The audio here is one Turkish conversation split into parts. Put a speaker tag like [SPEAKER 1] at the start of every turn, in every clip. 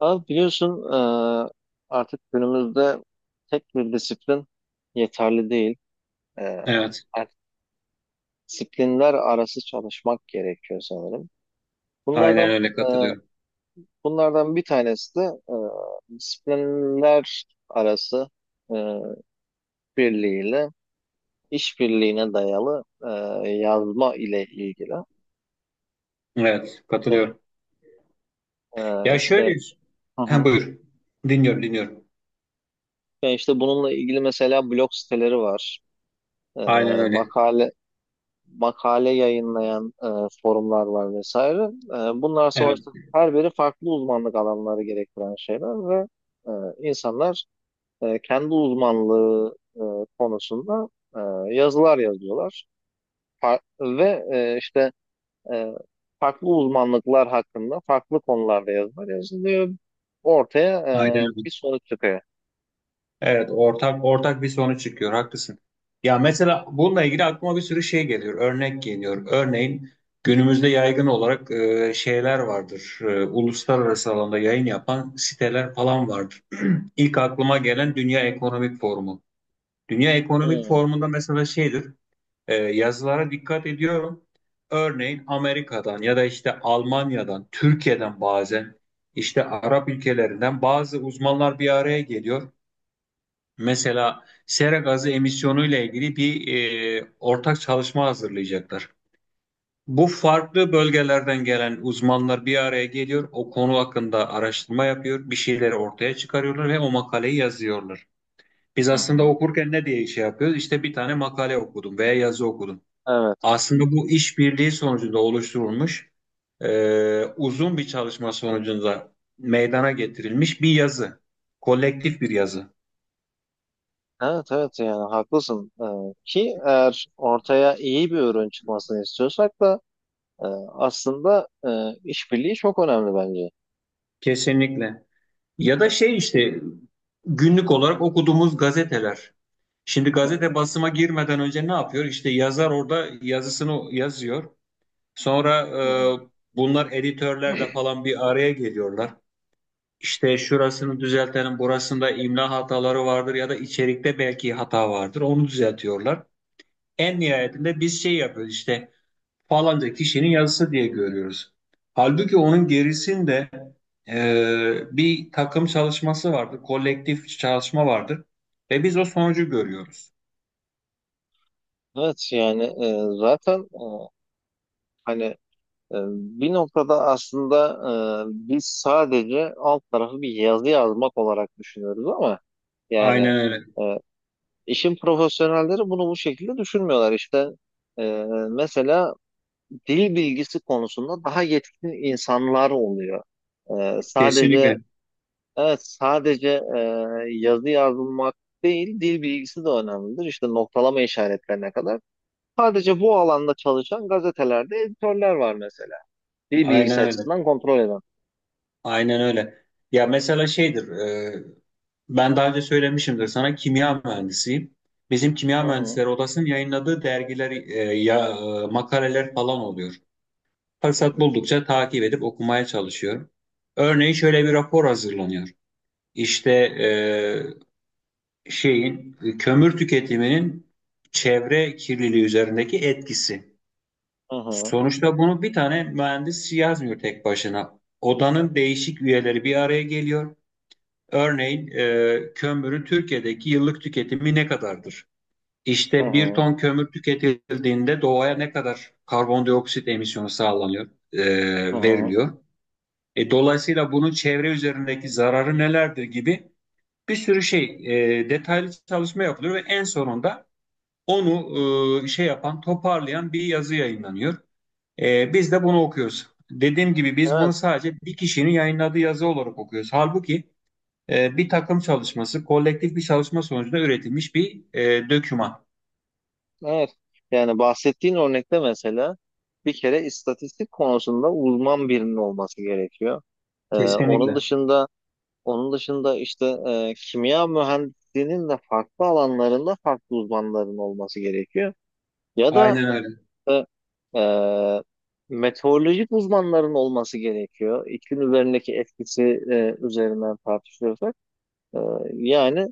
[SPEAKER 1] Abi biliyorsun artık günümüzde tek bir disiplin yeterli değil. E,
[SPEAKER 2] Evet,
[SPEAKER 1] artık disiplinler arası çalışmak gerekiyor sanırım. Bunlardan
[SPEAKER 2] aynen öyle
[SPEAKER 1] e,
[SPEAKER 2] katılıyorum.
[SPEAKER 1] bunlardan bir tanesi de disiplinler arası e, birliğiyle işbirliğine dayalı yazma ile ilgili.
[SPEAKER 2] Evet,
[SPEAKER 1] E,
[SPEAKER 2] katılıyorum.
[SPEAKER 1] e,
[SPEAKER 2] Ya
[SPEAKER 1] işte
[SPEAKER 2] şöyle,
[SPEAKER 1] hı
[SPEAKER 2] ha,
[SPEAKER 1] hı.
[SPEAKER 2] buyur. Dinliyorum, dinliyorum.
[SPEAKER 1] Yani işte bununla ilgili mesela blog siteleri var. E,
[SPEAKER 2] Aynen öyle.
[SPEAKER 1] makale makale yayınlayan forumlar var vesaire. Bunlar
[SPEAKER 2] Evet,
[SPEAKER 1] sonuçta her biri farklı uzmanlık alanları gerektiren şeyler ve e, insanlar kendi uzmanlığı konusunda yazılar yazıyorlar. Ve işte e, farklı uzmanlıklar hakkında farklı konularda yazılar yazılıyor. Ortaya
[SPEAKER 2] aynen öyle.
[SPEAKER 1] bir sonuç çıkıyor.
[SPEAKER 2] Evet, ortak ortak bir sonuç çıkıyor. Haklısın. Ya mesela bununla ilgili aklıma bir sürü şey geliyor. Örnek geliyor. Örneğin günümüzde yaygın olarak şeyler vardır. Uluslararası alanda yayın yapan siteler falan vardır. İlk aklıma
[SPEAKER 1] Hı
[SPEAKER 2] gelen Dünya Ekonomik Forumu. Dünya Ekonomik
[SPEAKER 1] hı.
[SPEAKER 2] Forumu'nda mesela şeydir. Yazılara dikkat ediyorum. Örneğin Amerika'dan ya da işte Almanya'dan, Türkiye'den bazen işte Arap ülkelerinden bazı uzmanlar bir araya geliyor. Mesela sera gazı emisyonu ile ilgili bir ortak çalışma hazırlayacaklar. Bu farklı bölgelerden gelen uzmanlar bir araya geliyor, o konu hakkında araştırma yapıyor, bir şeyleri ortaya çıkarıyorlar ve o makaleyi yazıyorlar. Biz aslında
[SPEAKER 1] Hı.
[SPEAKER 2] okurken ne diye şey yapıyoruz? İşte bir tane makale okudum veya yazı okudum.
[SPEAKER 1] Evet.
[SPEAKER 2] Aslında bu işbirliği sonucunda oluşturulmuş uzun bir çalışma sonucunda meydana getirilmiş bir yazı. Kolektif bir yazı.
[SPEAKER 1] Evet, evet, yani haklısın. Ki eğer ortaya iyi bir ürün çıkmasını istiyorsak da e, aslında işbirliği çok önemli bence.
[SPEAKER 2] Kesinlikle. Ya da şey işte günlük olarak okuduğumuz gazeteler. Şimdi
[SPEAKER 1] Hı
[SPEAKER 2] gazete
[SPEAKER 1] hı,
[SPEAKER 2] basıma girmeden önce ne yapıyor? İşte yazar orada yazısını yazıyor. Sonra e,
[SPEAKER 1] hı hı.
[SPEAKER 2] bunlar editörlerle falan bir araya geliyorlar. İşte şurasını düzeltelim, burasında imla hataları vardır ya da içerikte belki hata vardır. Onu düzeltiyorlar. En nihayetinde biz şey yapıyoruz işte falanca kişinin yazısı diye görüyoruz. Halbuki onun gerisinde bir takım çalışması vardır, kolektif çalışma vardır ve biz o sonucu görüyoruz.
[SPEAKER 1] Evet, yani zaten hani bir noktada aslında biz sadece alt tarafı bir yazı yazmak olarak düşünüyoruz ama yani
[SPEAKER 2] Aynen öyle.
[SPEAKER 1] e, işin profesyonelleri bunu bu şekilde düşünmüyorlar. İşte e, mesela dil bilgisi konusunda daha yetkin insanlar oluyor. Sadece,
[SPEAKER 2] Kesinlikle.
[SPEAKER 1] evet, sadece e, yazı yazmak değil, dil bilgisi de önemlidir. İşte noktalama işaretlerine kadar. Sadece bu alanda çalışan gazetelerde editörler var mesela. Dil
[SPEAKER 2] Aynen
[SPEAKER 1] bilgisi
[SPEAKER 2] öyle.
[SPEAKER 1] açısından kontrol eden.
[SPEAKER 2] Aynen öyle. Ya mesela şeydir, ben daha önce söylemişimdir sana kimya mühendisiyim. Bizim kimya
[SPEAKER 1] Hı hı.
[SPEAKER 2] mühendisleri odasının yayınladığı dergiler, ya makaleler falan oluyor. Fırsat buldukça takip edip okumaya çalışıyorum. Örneğin şöyle bir rapor hazırlanıyor. İşte şeyin kömür tüketiminin çevre kirliliği üzerindeki etkisi.
[SPEAKER 1] Hı hı.
[SPEAKER 2] Sonuçta bunu bir tane mühendis yazmıyor tek başına. Odanın değişik üyeleri bir araya geliyor. Örneğin kömürün Türkiye'deki yıllık tüketimi ne kadardır?
[SPEAKER 1] Hı
[SPEAKER 2] İşte bir
[SPEAKER 1] hı.
[SPEAKER 2] ton kömür tüketildiğinde doğaya ne kadar karbondioksit emisyonu sağlanıyor,
[SPEAKER 1] Hı hı.
[SPEAKER 2] veriliyor? Dolayısıyla bunun çevre üzerindeki zararı nelerdir gibi bir sürü şey detaylı çalışma yapılıyor ve en sonunda onu şey yapan, toparlayan bir yazı yayınlanıyor. Biz de bunu okuyoruz. Dediğim gibi biz bunu
[SPEAKER 1] Evet.
[SPEAKER 2] sadece bir kişinin yayınladığı yazı olarak okuyoruz. Halbuki bir takım çalışması, kolektif bir çalışma sonucunda üretilmiş bir döküman.
[SPEAKER 1] Evet. Yani bahsettiğin örnekte mesela bir kere istatistik konusunda uzman birinin olması gerekiyor. Ee, onun
[SPEAKER 2] Kesinlikle.
[SPEAKER 1] dışında Onun dışında işte kimya mühendisliğinin de farklı alanlarında farklı uzmanların olması gerekiyor. Ya da
[SPEAKER 2] Aynen öyle.
[SPEAKER 1] e, e, meteorolojik uzmanların olması gerekiyor. İklim üzerindeki etkisi üzerinden tartışıyorsak. E, Yani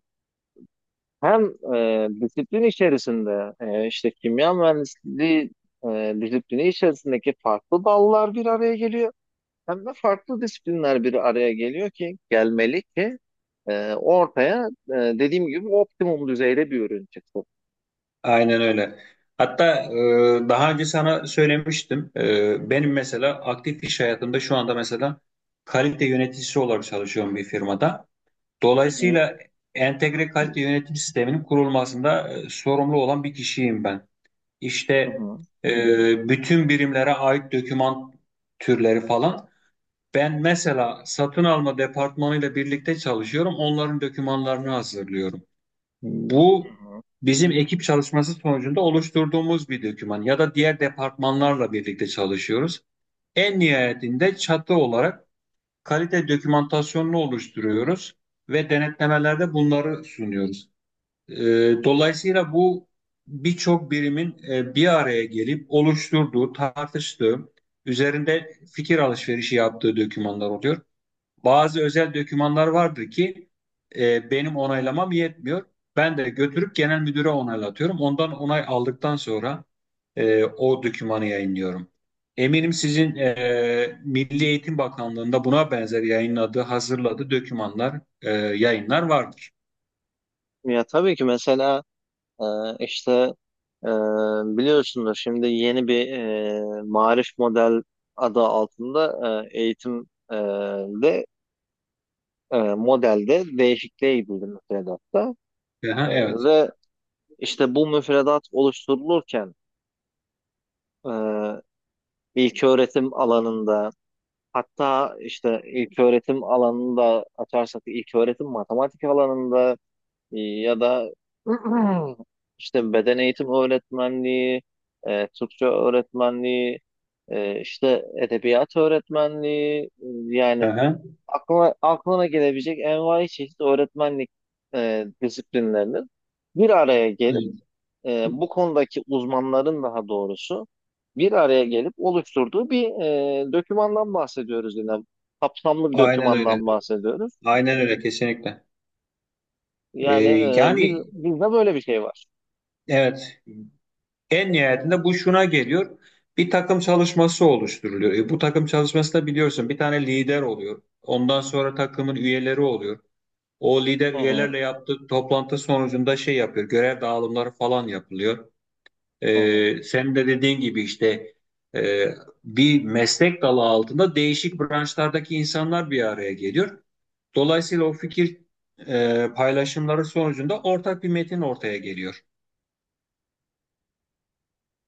[SPEAKER 1] hem disiplin içerisinde işte kimya mühendisliği disiplini içerisindeki farklı dallar bir araya geliyor. Hem de farklı disiplinler bir araya geliyor ki gelmeli ki ortaya dediğim gibi optimum düzeyde bir ürün çıksın.
[SPEAKER 2] Aynen öyle. Hatta daha önce sana söylemiştim. Benim mesela aktif iş hayatımda şu anda mesela kalite yöneticisi olarak çalışıyorum bir firmada.
[SPEAKER 1] Hı hı,
[SPEAKER 2] Dolayısıyla entegre kalite yönetim sisteminin kurulmasında sorumlu olan bir kişiyim ben. İşte
[SPEAKER 1] hı hı,
[SPEAKER 2] bütün birimlere ait doküman türleri falan. Ben mesela satın alma departmanıyla birlikte çalışıyorum. Onların dokümanlarını hazırlıyorum.
[SPEAKER 1] hı
[SPEAKER 2] Bu
[SPEAKER 1] hı.
[SPEAKER 2] bizim ekip çalışması sonucunda oluşturduğumuz bir doküman ya da diğer departmanlarla birlikte çalışıyoruz. En nihayetinde çatı olarak kalite dokümantasyonunu oluşturuyoruz ve denetlemelerde bunları sunuyoruz. Ee, Dolayısıyla bu birçok birimin bir araya gelip oluşturduğu, tartıştığı, üzerinde fikir alışverişi yaptığı dokümanlar oluyor. Bazı özel dokümanlar vardır ki benim onaylamam yetmiyor. Ben de götürüp genel müdüre onaylatıyorum. Ondan onay aldıktan sonra o dokümanı yayınlıyorum. Eminim sizin Milli Eğitim Bakanlığı'nda buna benzer yayınladığı, hazırladığı dokümanlar, yayınlar vardır.
[SPEAKER 1] Ya tabii ki mesela e, işte e, biliyorsunuz şimdi yeni bir Maarif model adı altında eğitim de modelde değişikliğe gidildi müfredatta. E,
[SPEAKER 2] Aha, evet.
[SPEAKER 1] Ve işte bu müfredat oluşturulurken e, ilköğretim alanında, hatta işte ilk öğretim alanında açarsak, ilk öğretim matematik alanında ya da işte beden eğitim öğretmenliği, Türkçe öğretmenliği, işte edebiyat öğretmenliği, yani
[SPEAKER 2] Aha.
[SPEAKER 1] aklına gelebilecek envai çeşit öğretmenlik disiplinlerinin bir araya gelip,
[SPEAKER 2] Evet.
[SPEAKER 1] bu konudaki uzmanların daha doğrusu bir araya gelip oluşturduğu bir dokümandan bahsediyoruz yine. Kapsamlı bir
[SPEAKER 2] Aynen öyle.
[SPEAKER 1] dokümandan bahsediyoruz.
[SPEAKER 2] Aynen öyle, kesinlikle. E,
[SPEAKER 1] Yani
[SPEAKER 2] Yani
[SPEAKER 1] bizde böyle bir şey var.
[SPEAKER 2] evet, en nihayetinde bu şuna geliyor. Bir takım çalışması oluşturuluyor. Bu takım çalışmasında biliyorsun bir tane lider oluyor. Ondan sonra takımın üyeleri oluyor. O lider
[SPEAKER 1] Hı hı,
[SPEAKER 2] üyelerle yaptığı toplantı sonucunda şey yapıyor. Görev dağılımları falan yapılıyor.
[SPEAKER 1] hı hı.
[SPEAKER 2] Senin de dediğin gibi işte e, bir meslek dalı altında değişik branşlardaki insanlar bir araya geliyor. Dolayısıyla o fikir paylaşımları sonucunda ortak bir metin ortaya geliyor.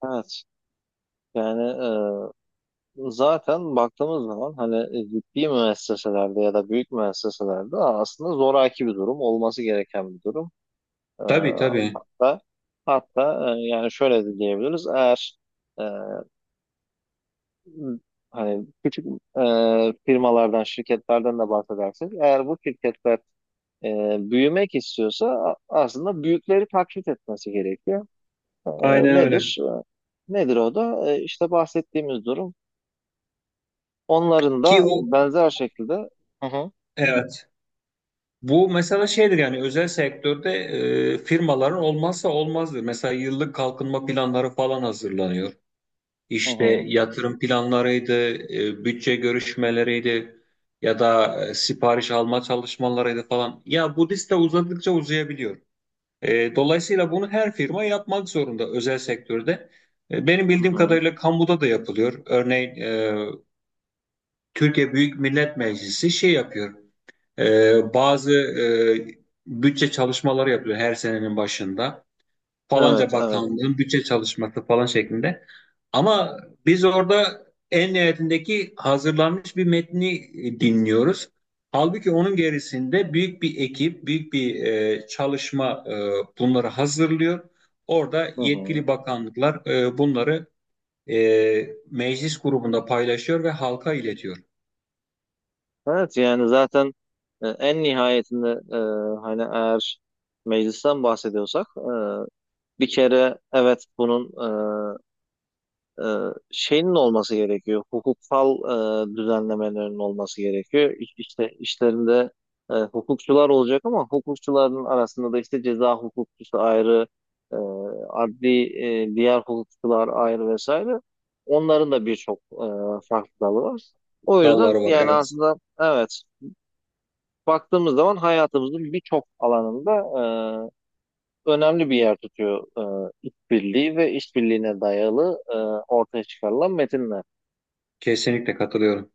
[SPEAKER 1] Evet. Yani zaten baktığımız zaman hani ciddi müesseselerde ya da büyük müesseselerde aslında zoraki bir durum, olması gereken bir durum. E,
[SPEAKER 2] Tabii tabii.
[SPEAKER 1] hatta hatta yani şöyle de diyebiliriz. Eğer e, hani küçük firmalardan, şirketlerden de bahsedersek, eğer bu şirketler e, büyümek istiyorsa aslında büyükleri taklit etmesi gerekiyor. E,
[SPEAKER 2] Aynen öyle.
[SPEAKER 1] Nedir? Nedir o da? İşte bahsettiğimiz durum. Onların
[SPEAKER 2] Ki
[SPEAKER 1] da
[SPEAKER 2] o
[SPEAKER 1] benzer şekilde. Hı hı,
[SPEAKER 2] evet. Bu mesela şeydir, yani özel sektörde firmaların olmazsa olmazdır. Mesela yıllık kalkınma planları falan hazırlanıyor.
[SPEAKER 1] hı
[SPEAKER 2] İşte
[SPEAKER 1] hı,
[SPEAKER 2] yatırım planlarıydı, bütçe görüşmeleriydi ya da sipariş alma çalışmalarıydı falan. Ya bu liste uzadıkça uzayabiliyor. Dolayısıyla bunu her firma yapmak zorunda özel sektörde. Benim
[SPEAKER 1] hı
[SPEAKER 2] bildiğim
[SPEAKER 1] hı.
[SPEAKER 2] kadarıyla kamuda da yapılıyor. Örneğin Türkiye Büyük Millet Meclisi şey yapıyor. Bazı bütçe çalışmaları yapılıyor her senenin başında. Falanca
[SPEAKER 1] Evet, evet.
[SPEAKER 2] bakanlığın bütçe çalışması falan şeklinde. Ama biz orada en nihayetindeki hazırlanmış bir metni dinliyoruz. Halbuki onun gerisinde büyük bir ekip, büyük bir çalışma bunları hazırlıyor. Orada
[SPEAKER 1] Hı hı.
[SPEAKER 2] yetkili bakanlıklar bunları meclis grubunda paylaşıyor ve halka iletiyor.
[SPEAKER 1] Evet, yani zaten en nihayetinde hani eğer meclisten bahsediyorsak bir kere, evet, bunun e, e, şeyinin olması gerekiyor. Hukuksal düzenlemelerin olması gerekiyor. İşte işlerinde hukukçular olacak, ama hukukçuların arasında da işte ceza hukukçusu ayrı, e, adli diğer hukukçular ayrı vesaire. Onların da birçok farklı dalı var. O yüzden
[SPEAKER 2] Dalları var,
[SPEAKER 1] yani
[SPEAKER 2] evet.
[SPEAKER 1] aslında evet, baktığımız zaman hayatımızın birçok alanında önemli bir yer tutuyor işbirliği ve işbirliğine dayalı ortaya çıkarılan metinler.
[SPEAKER 2] Kesinlikle katılıyorum.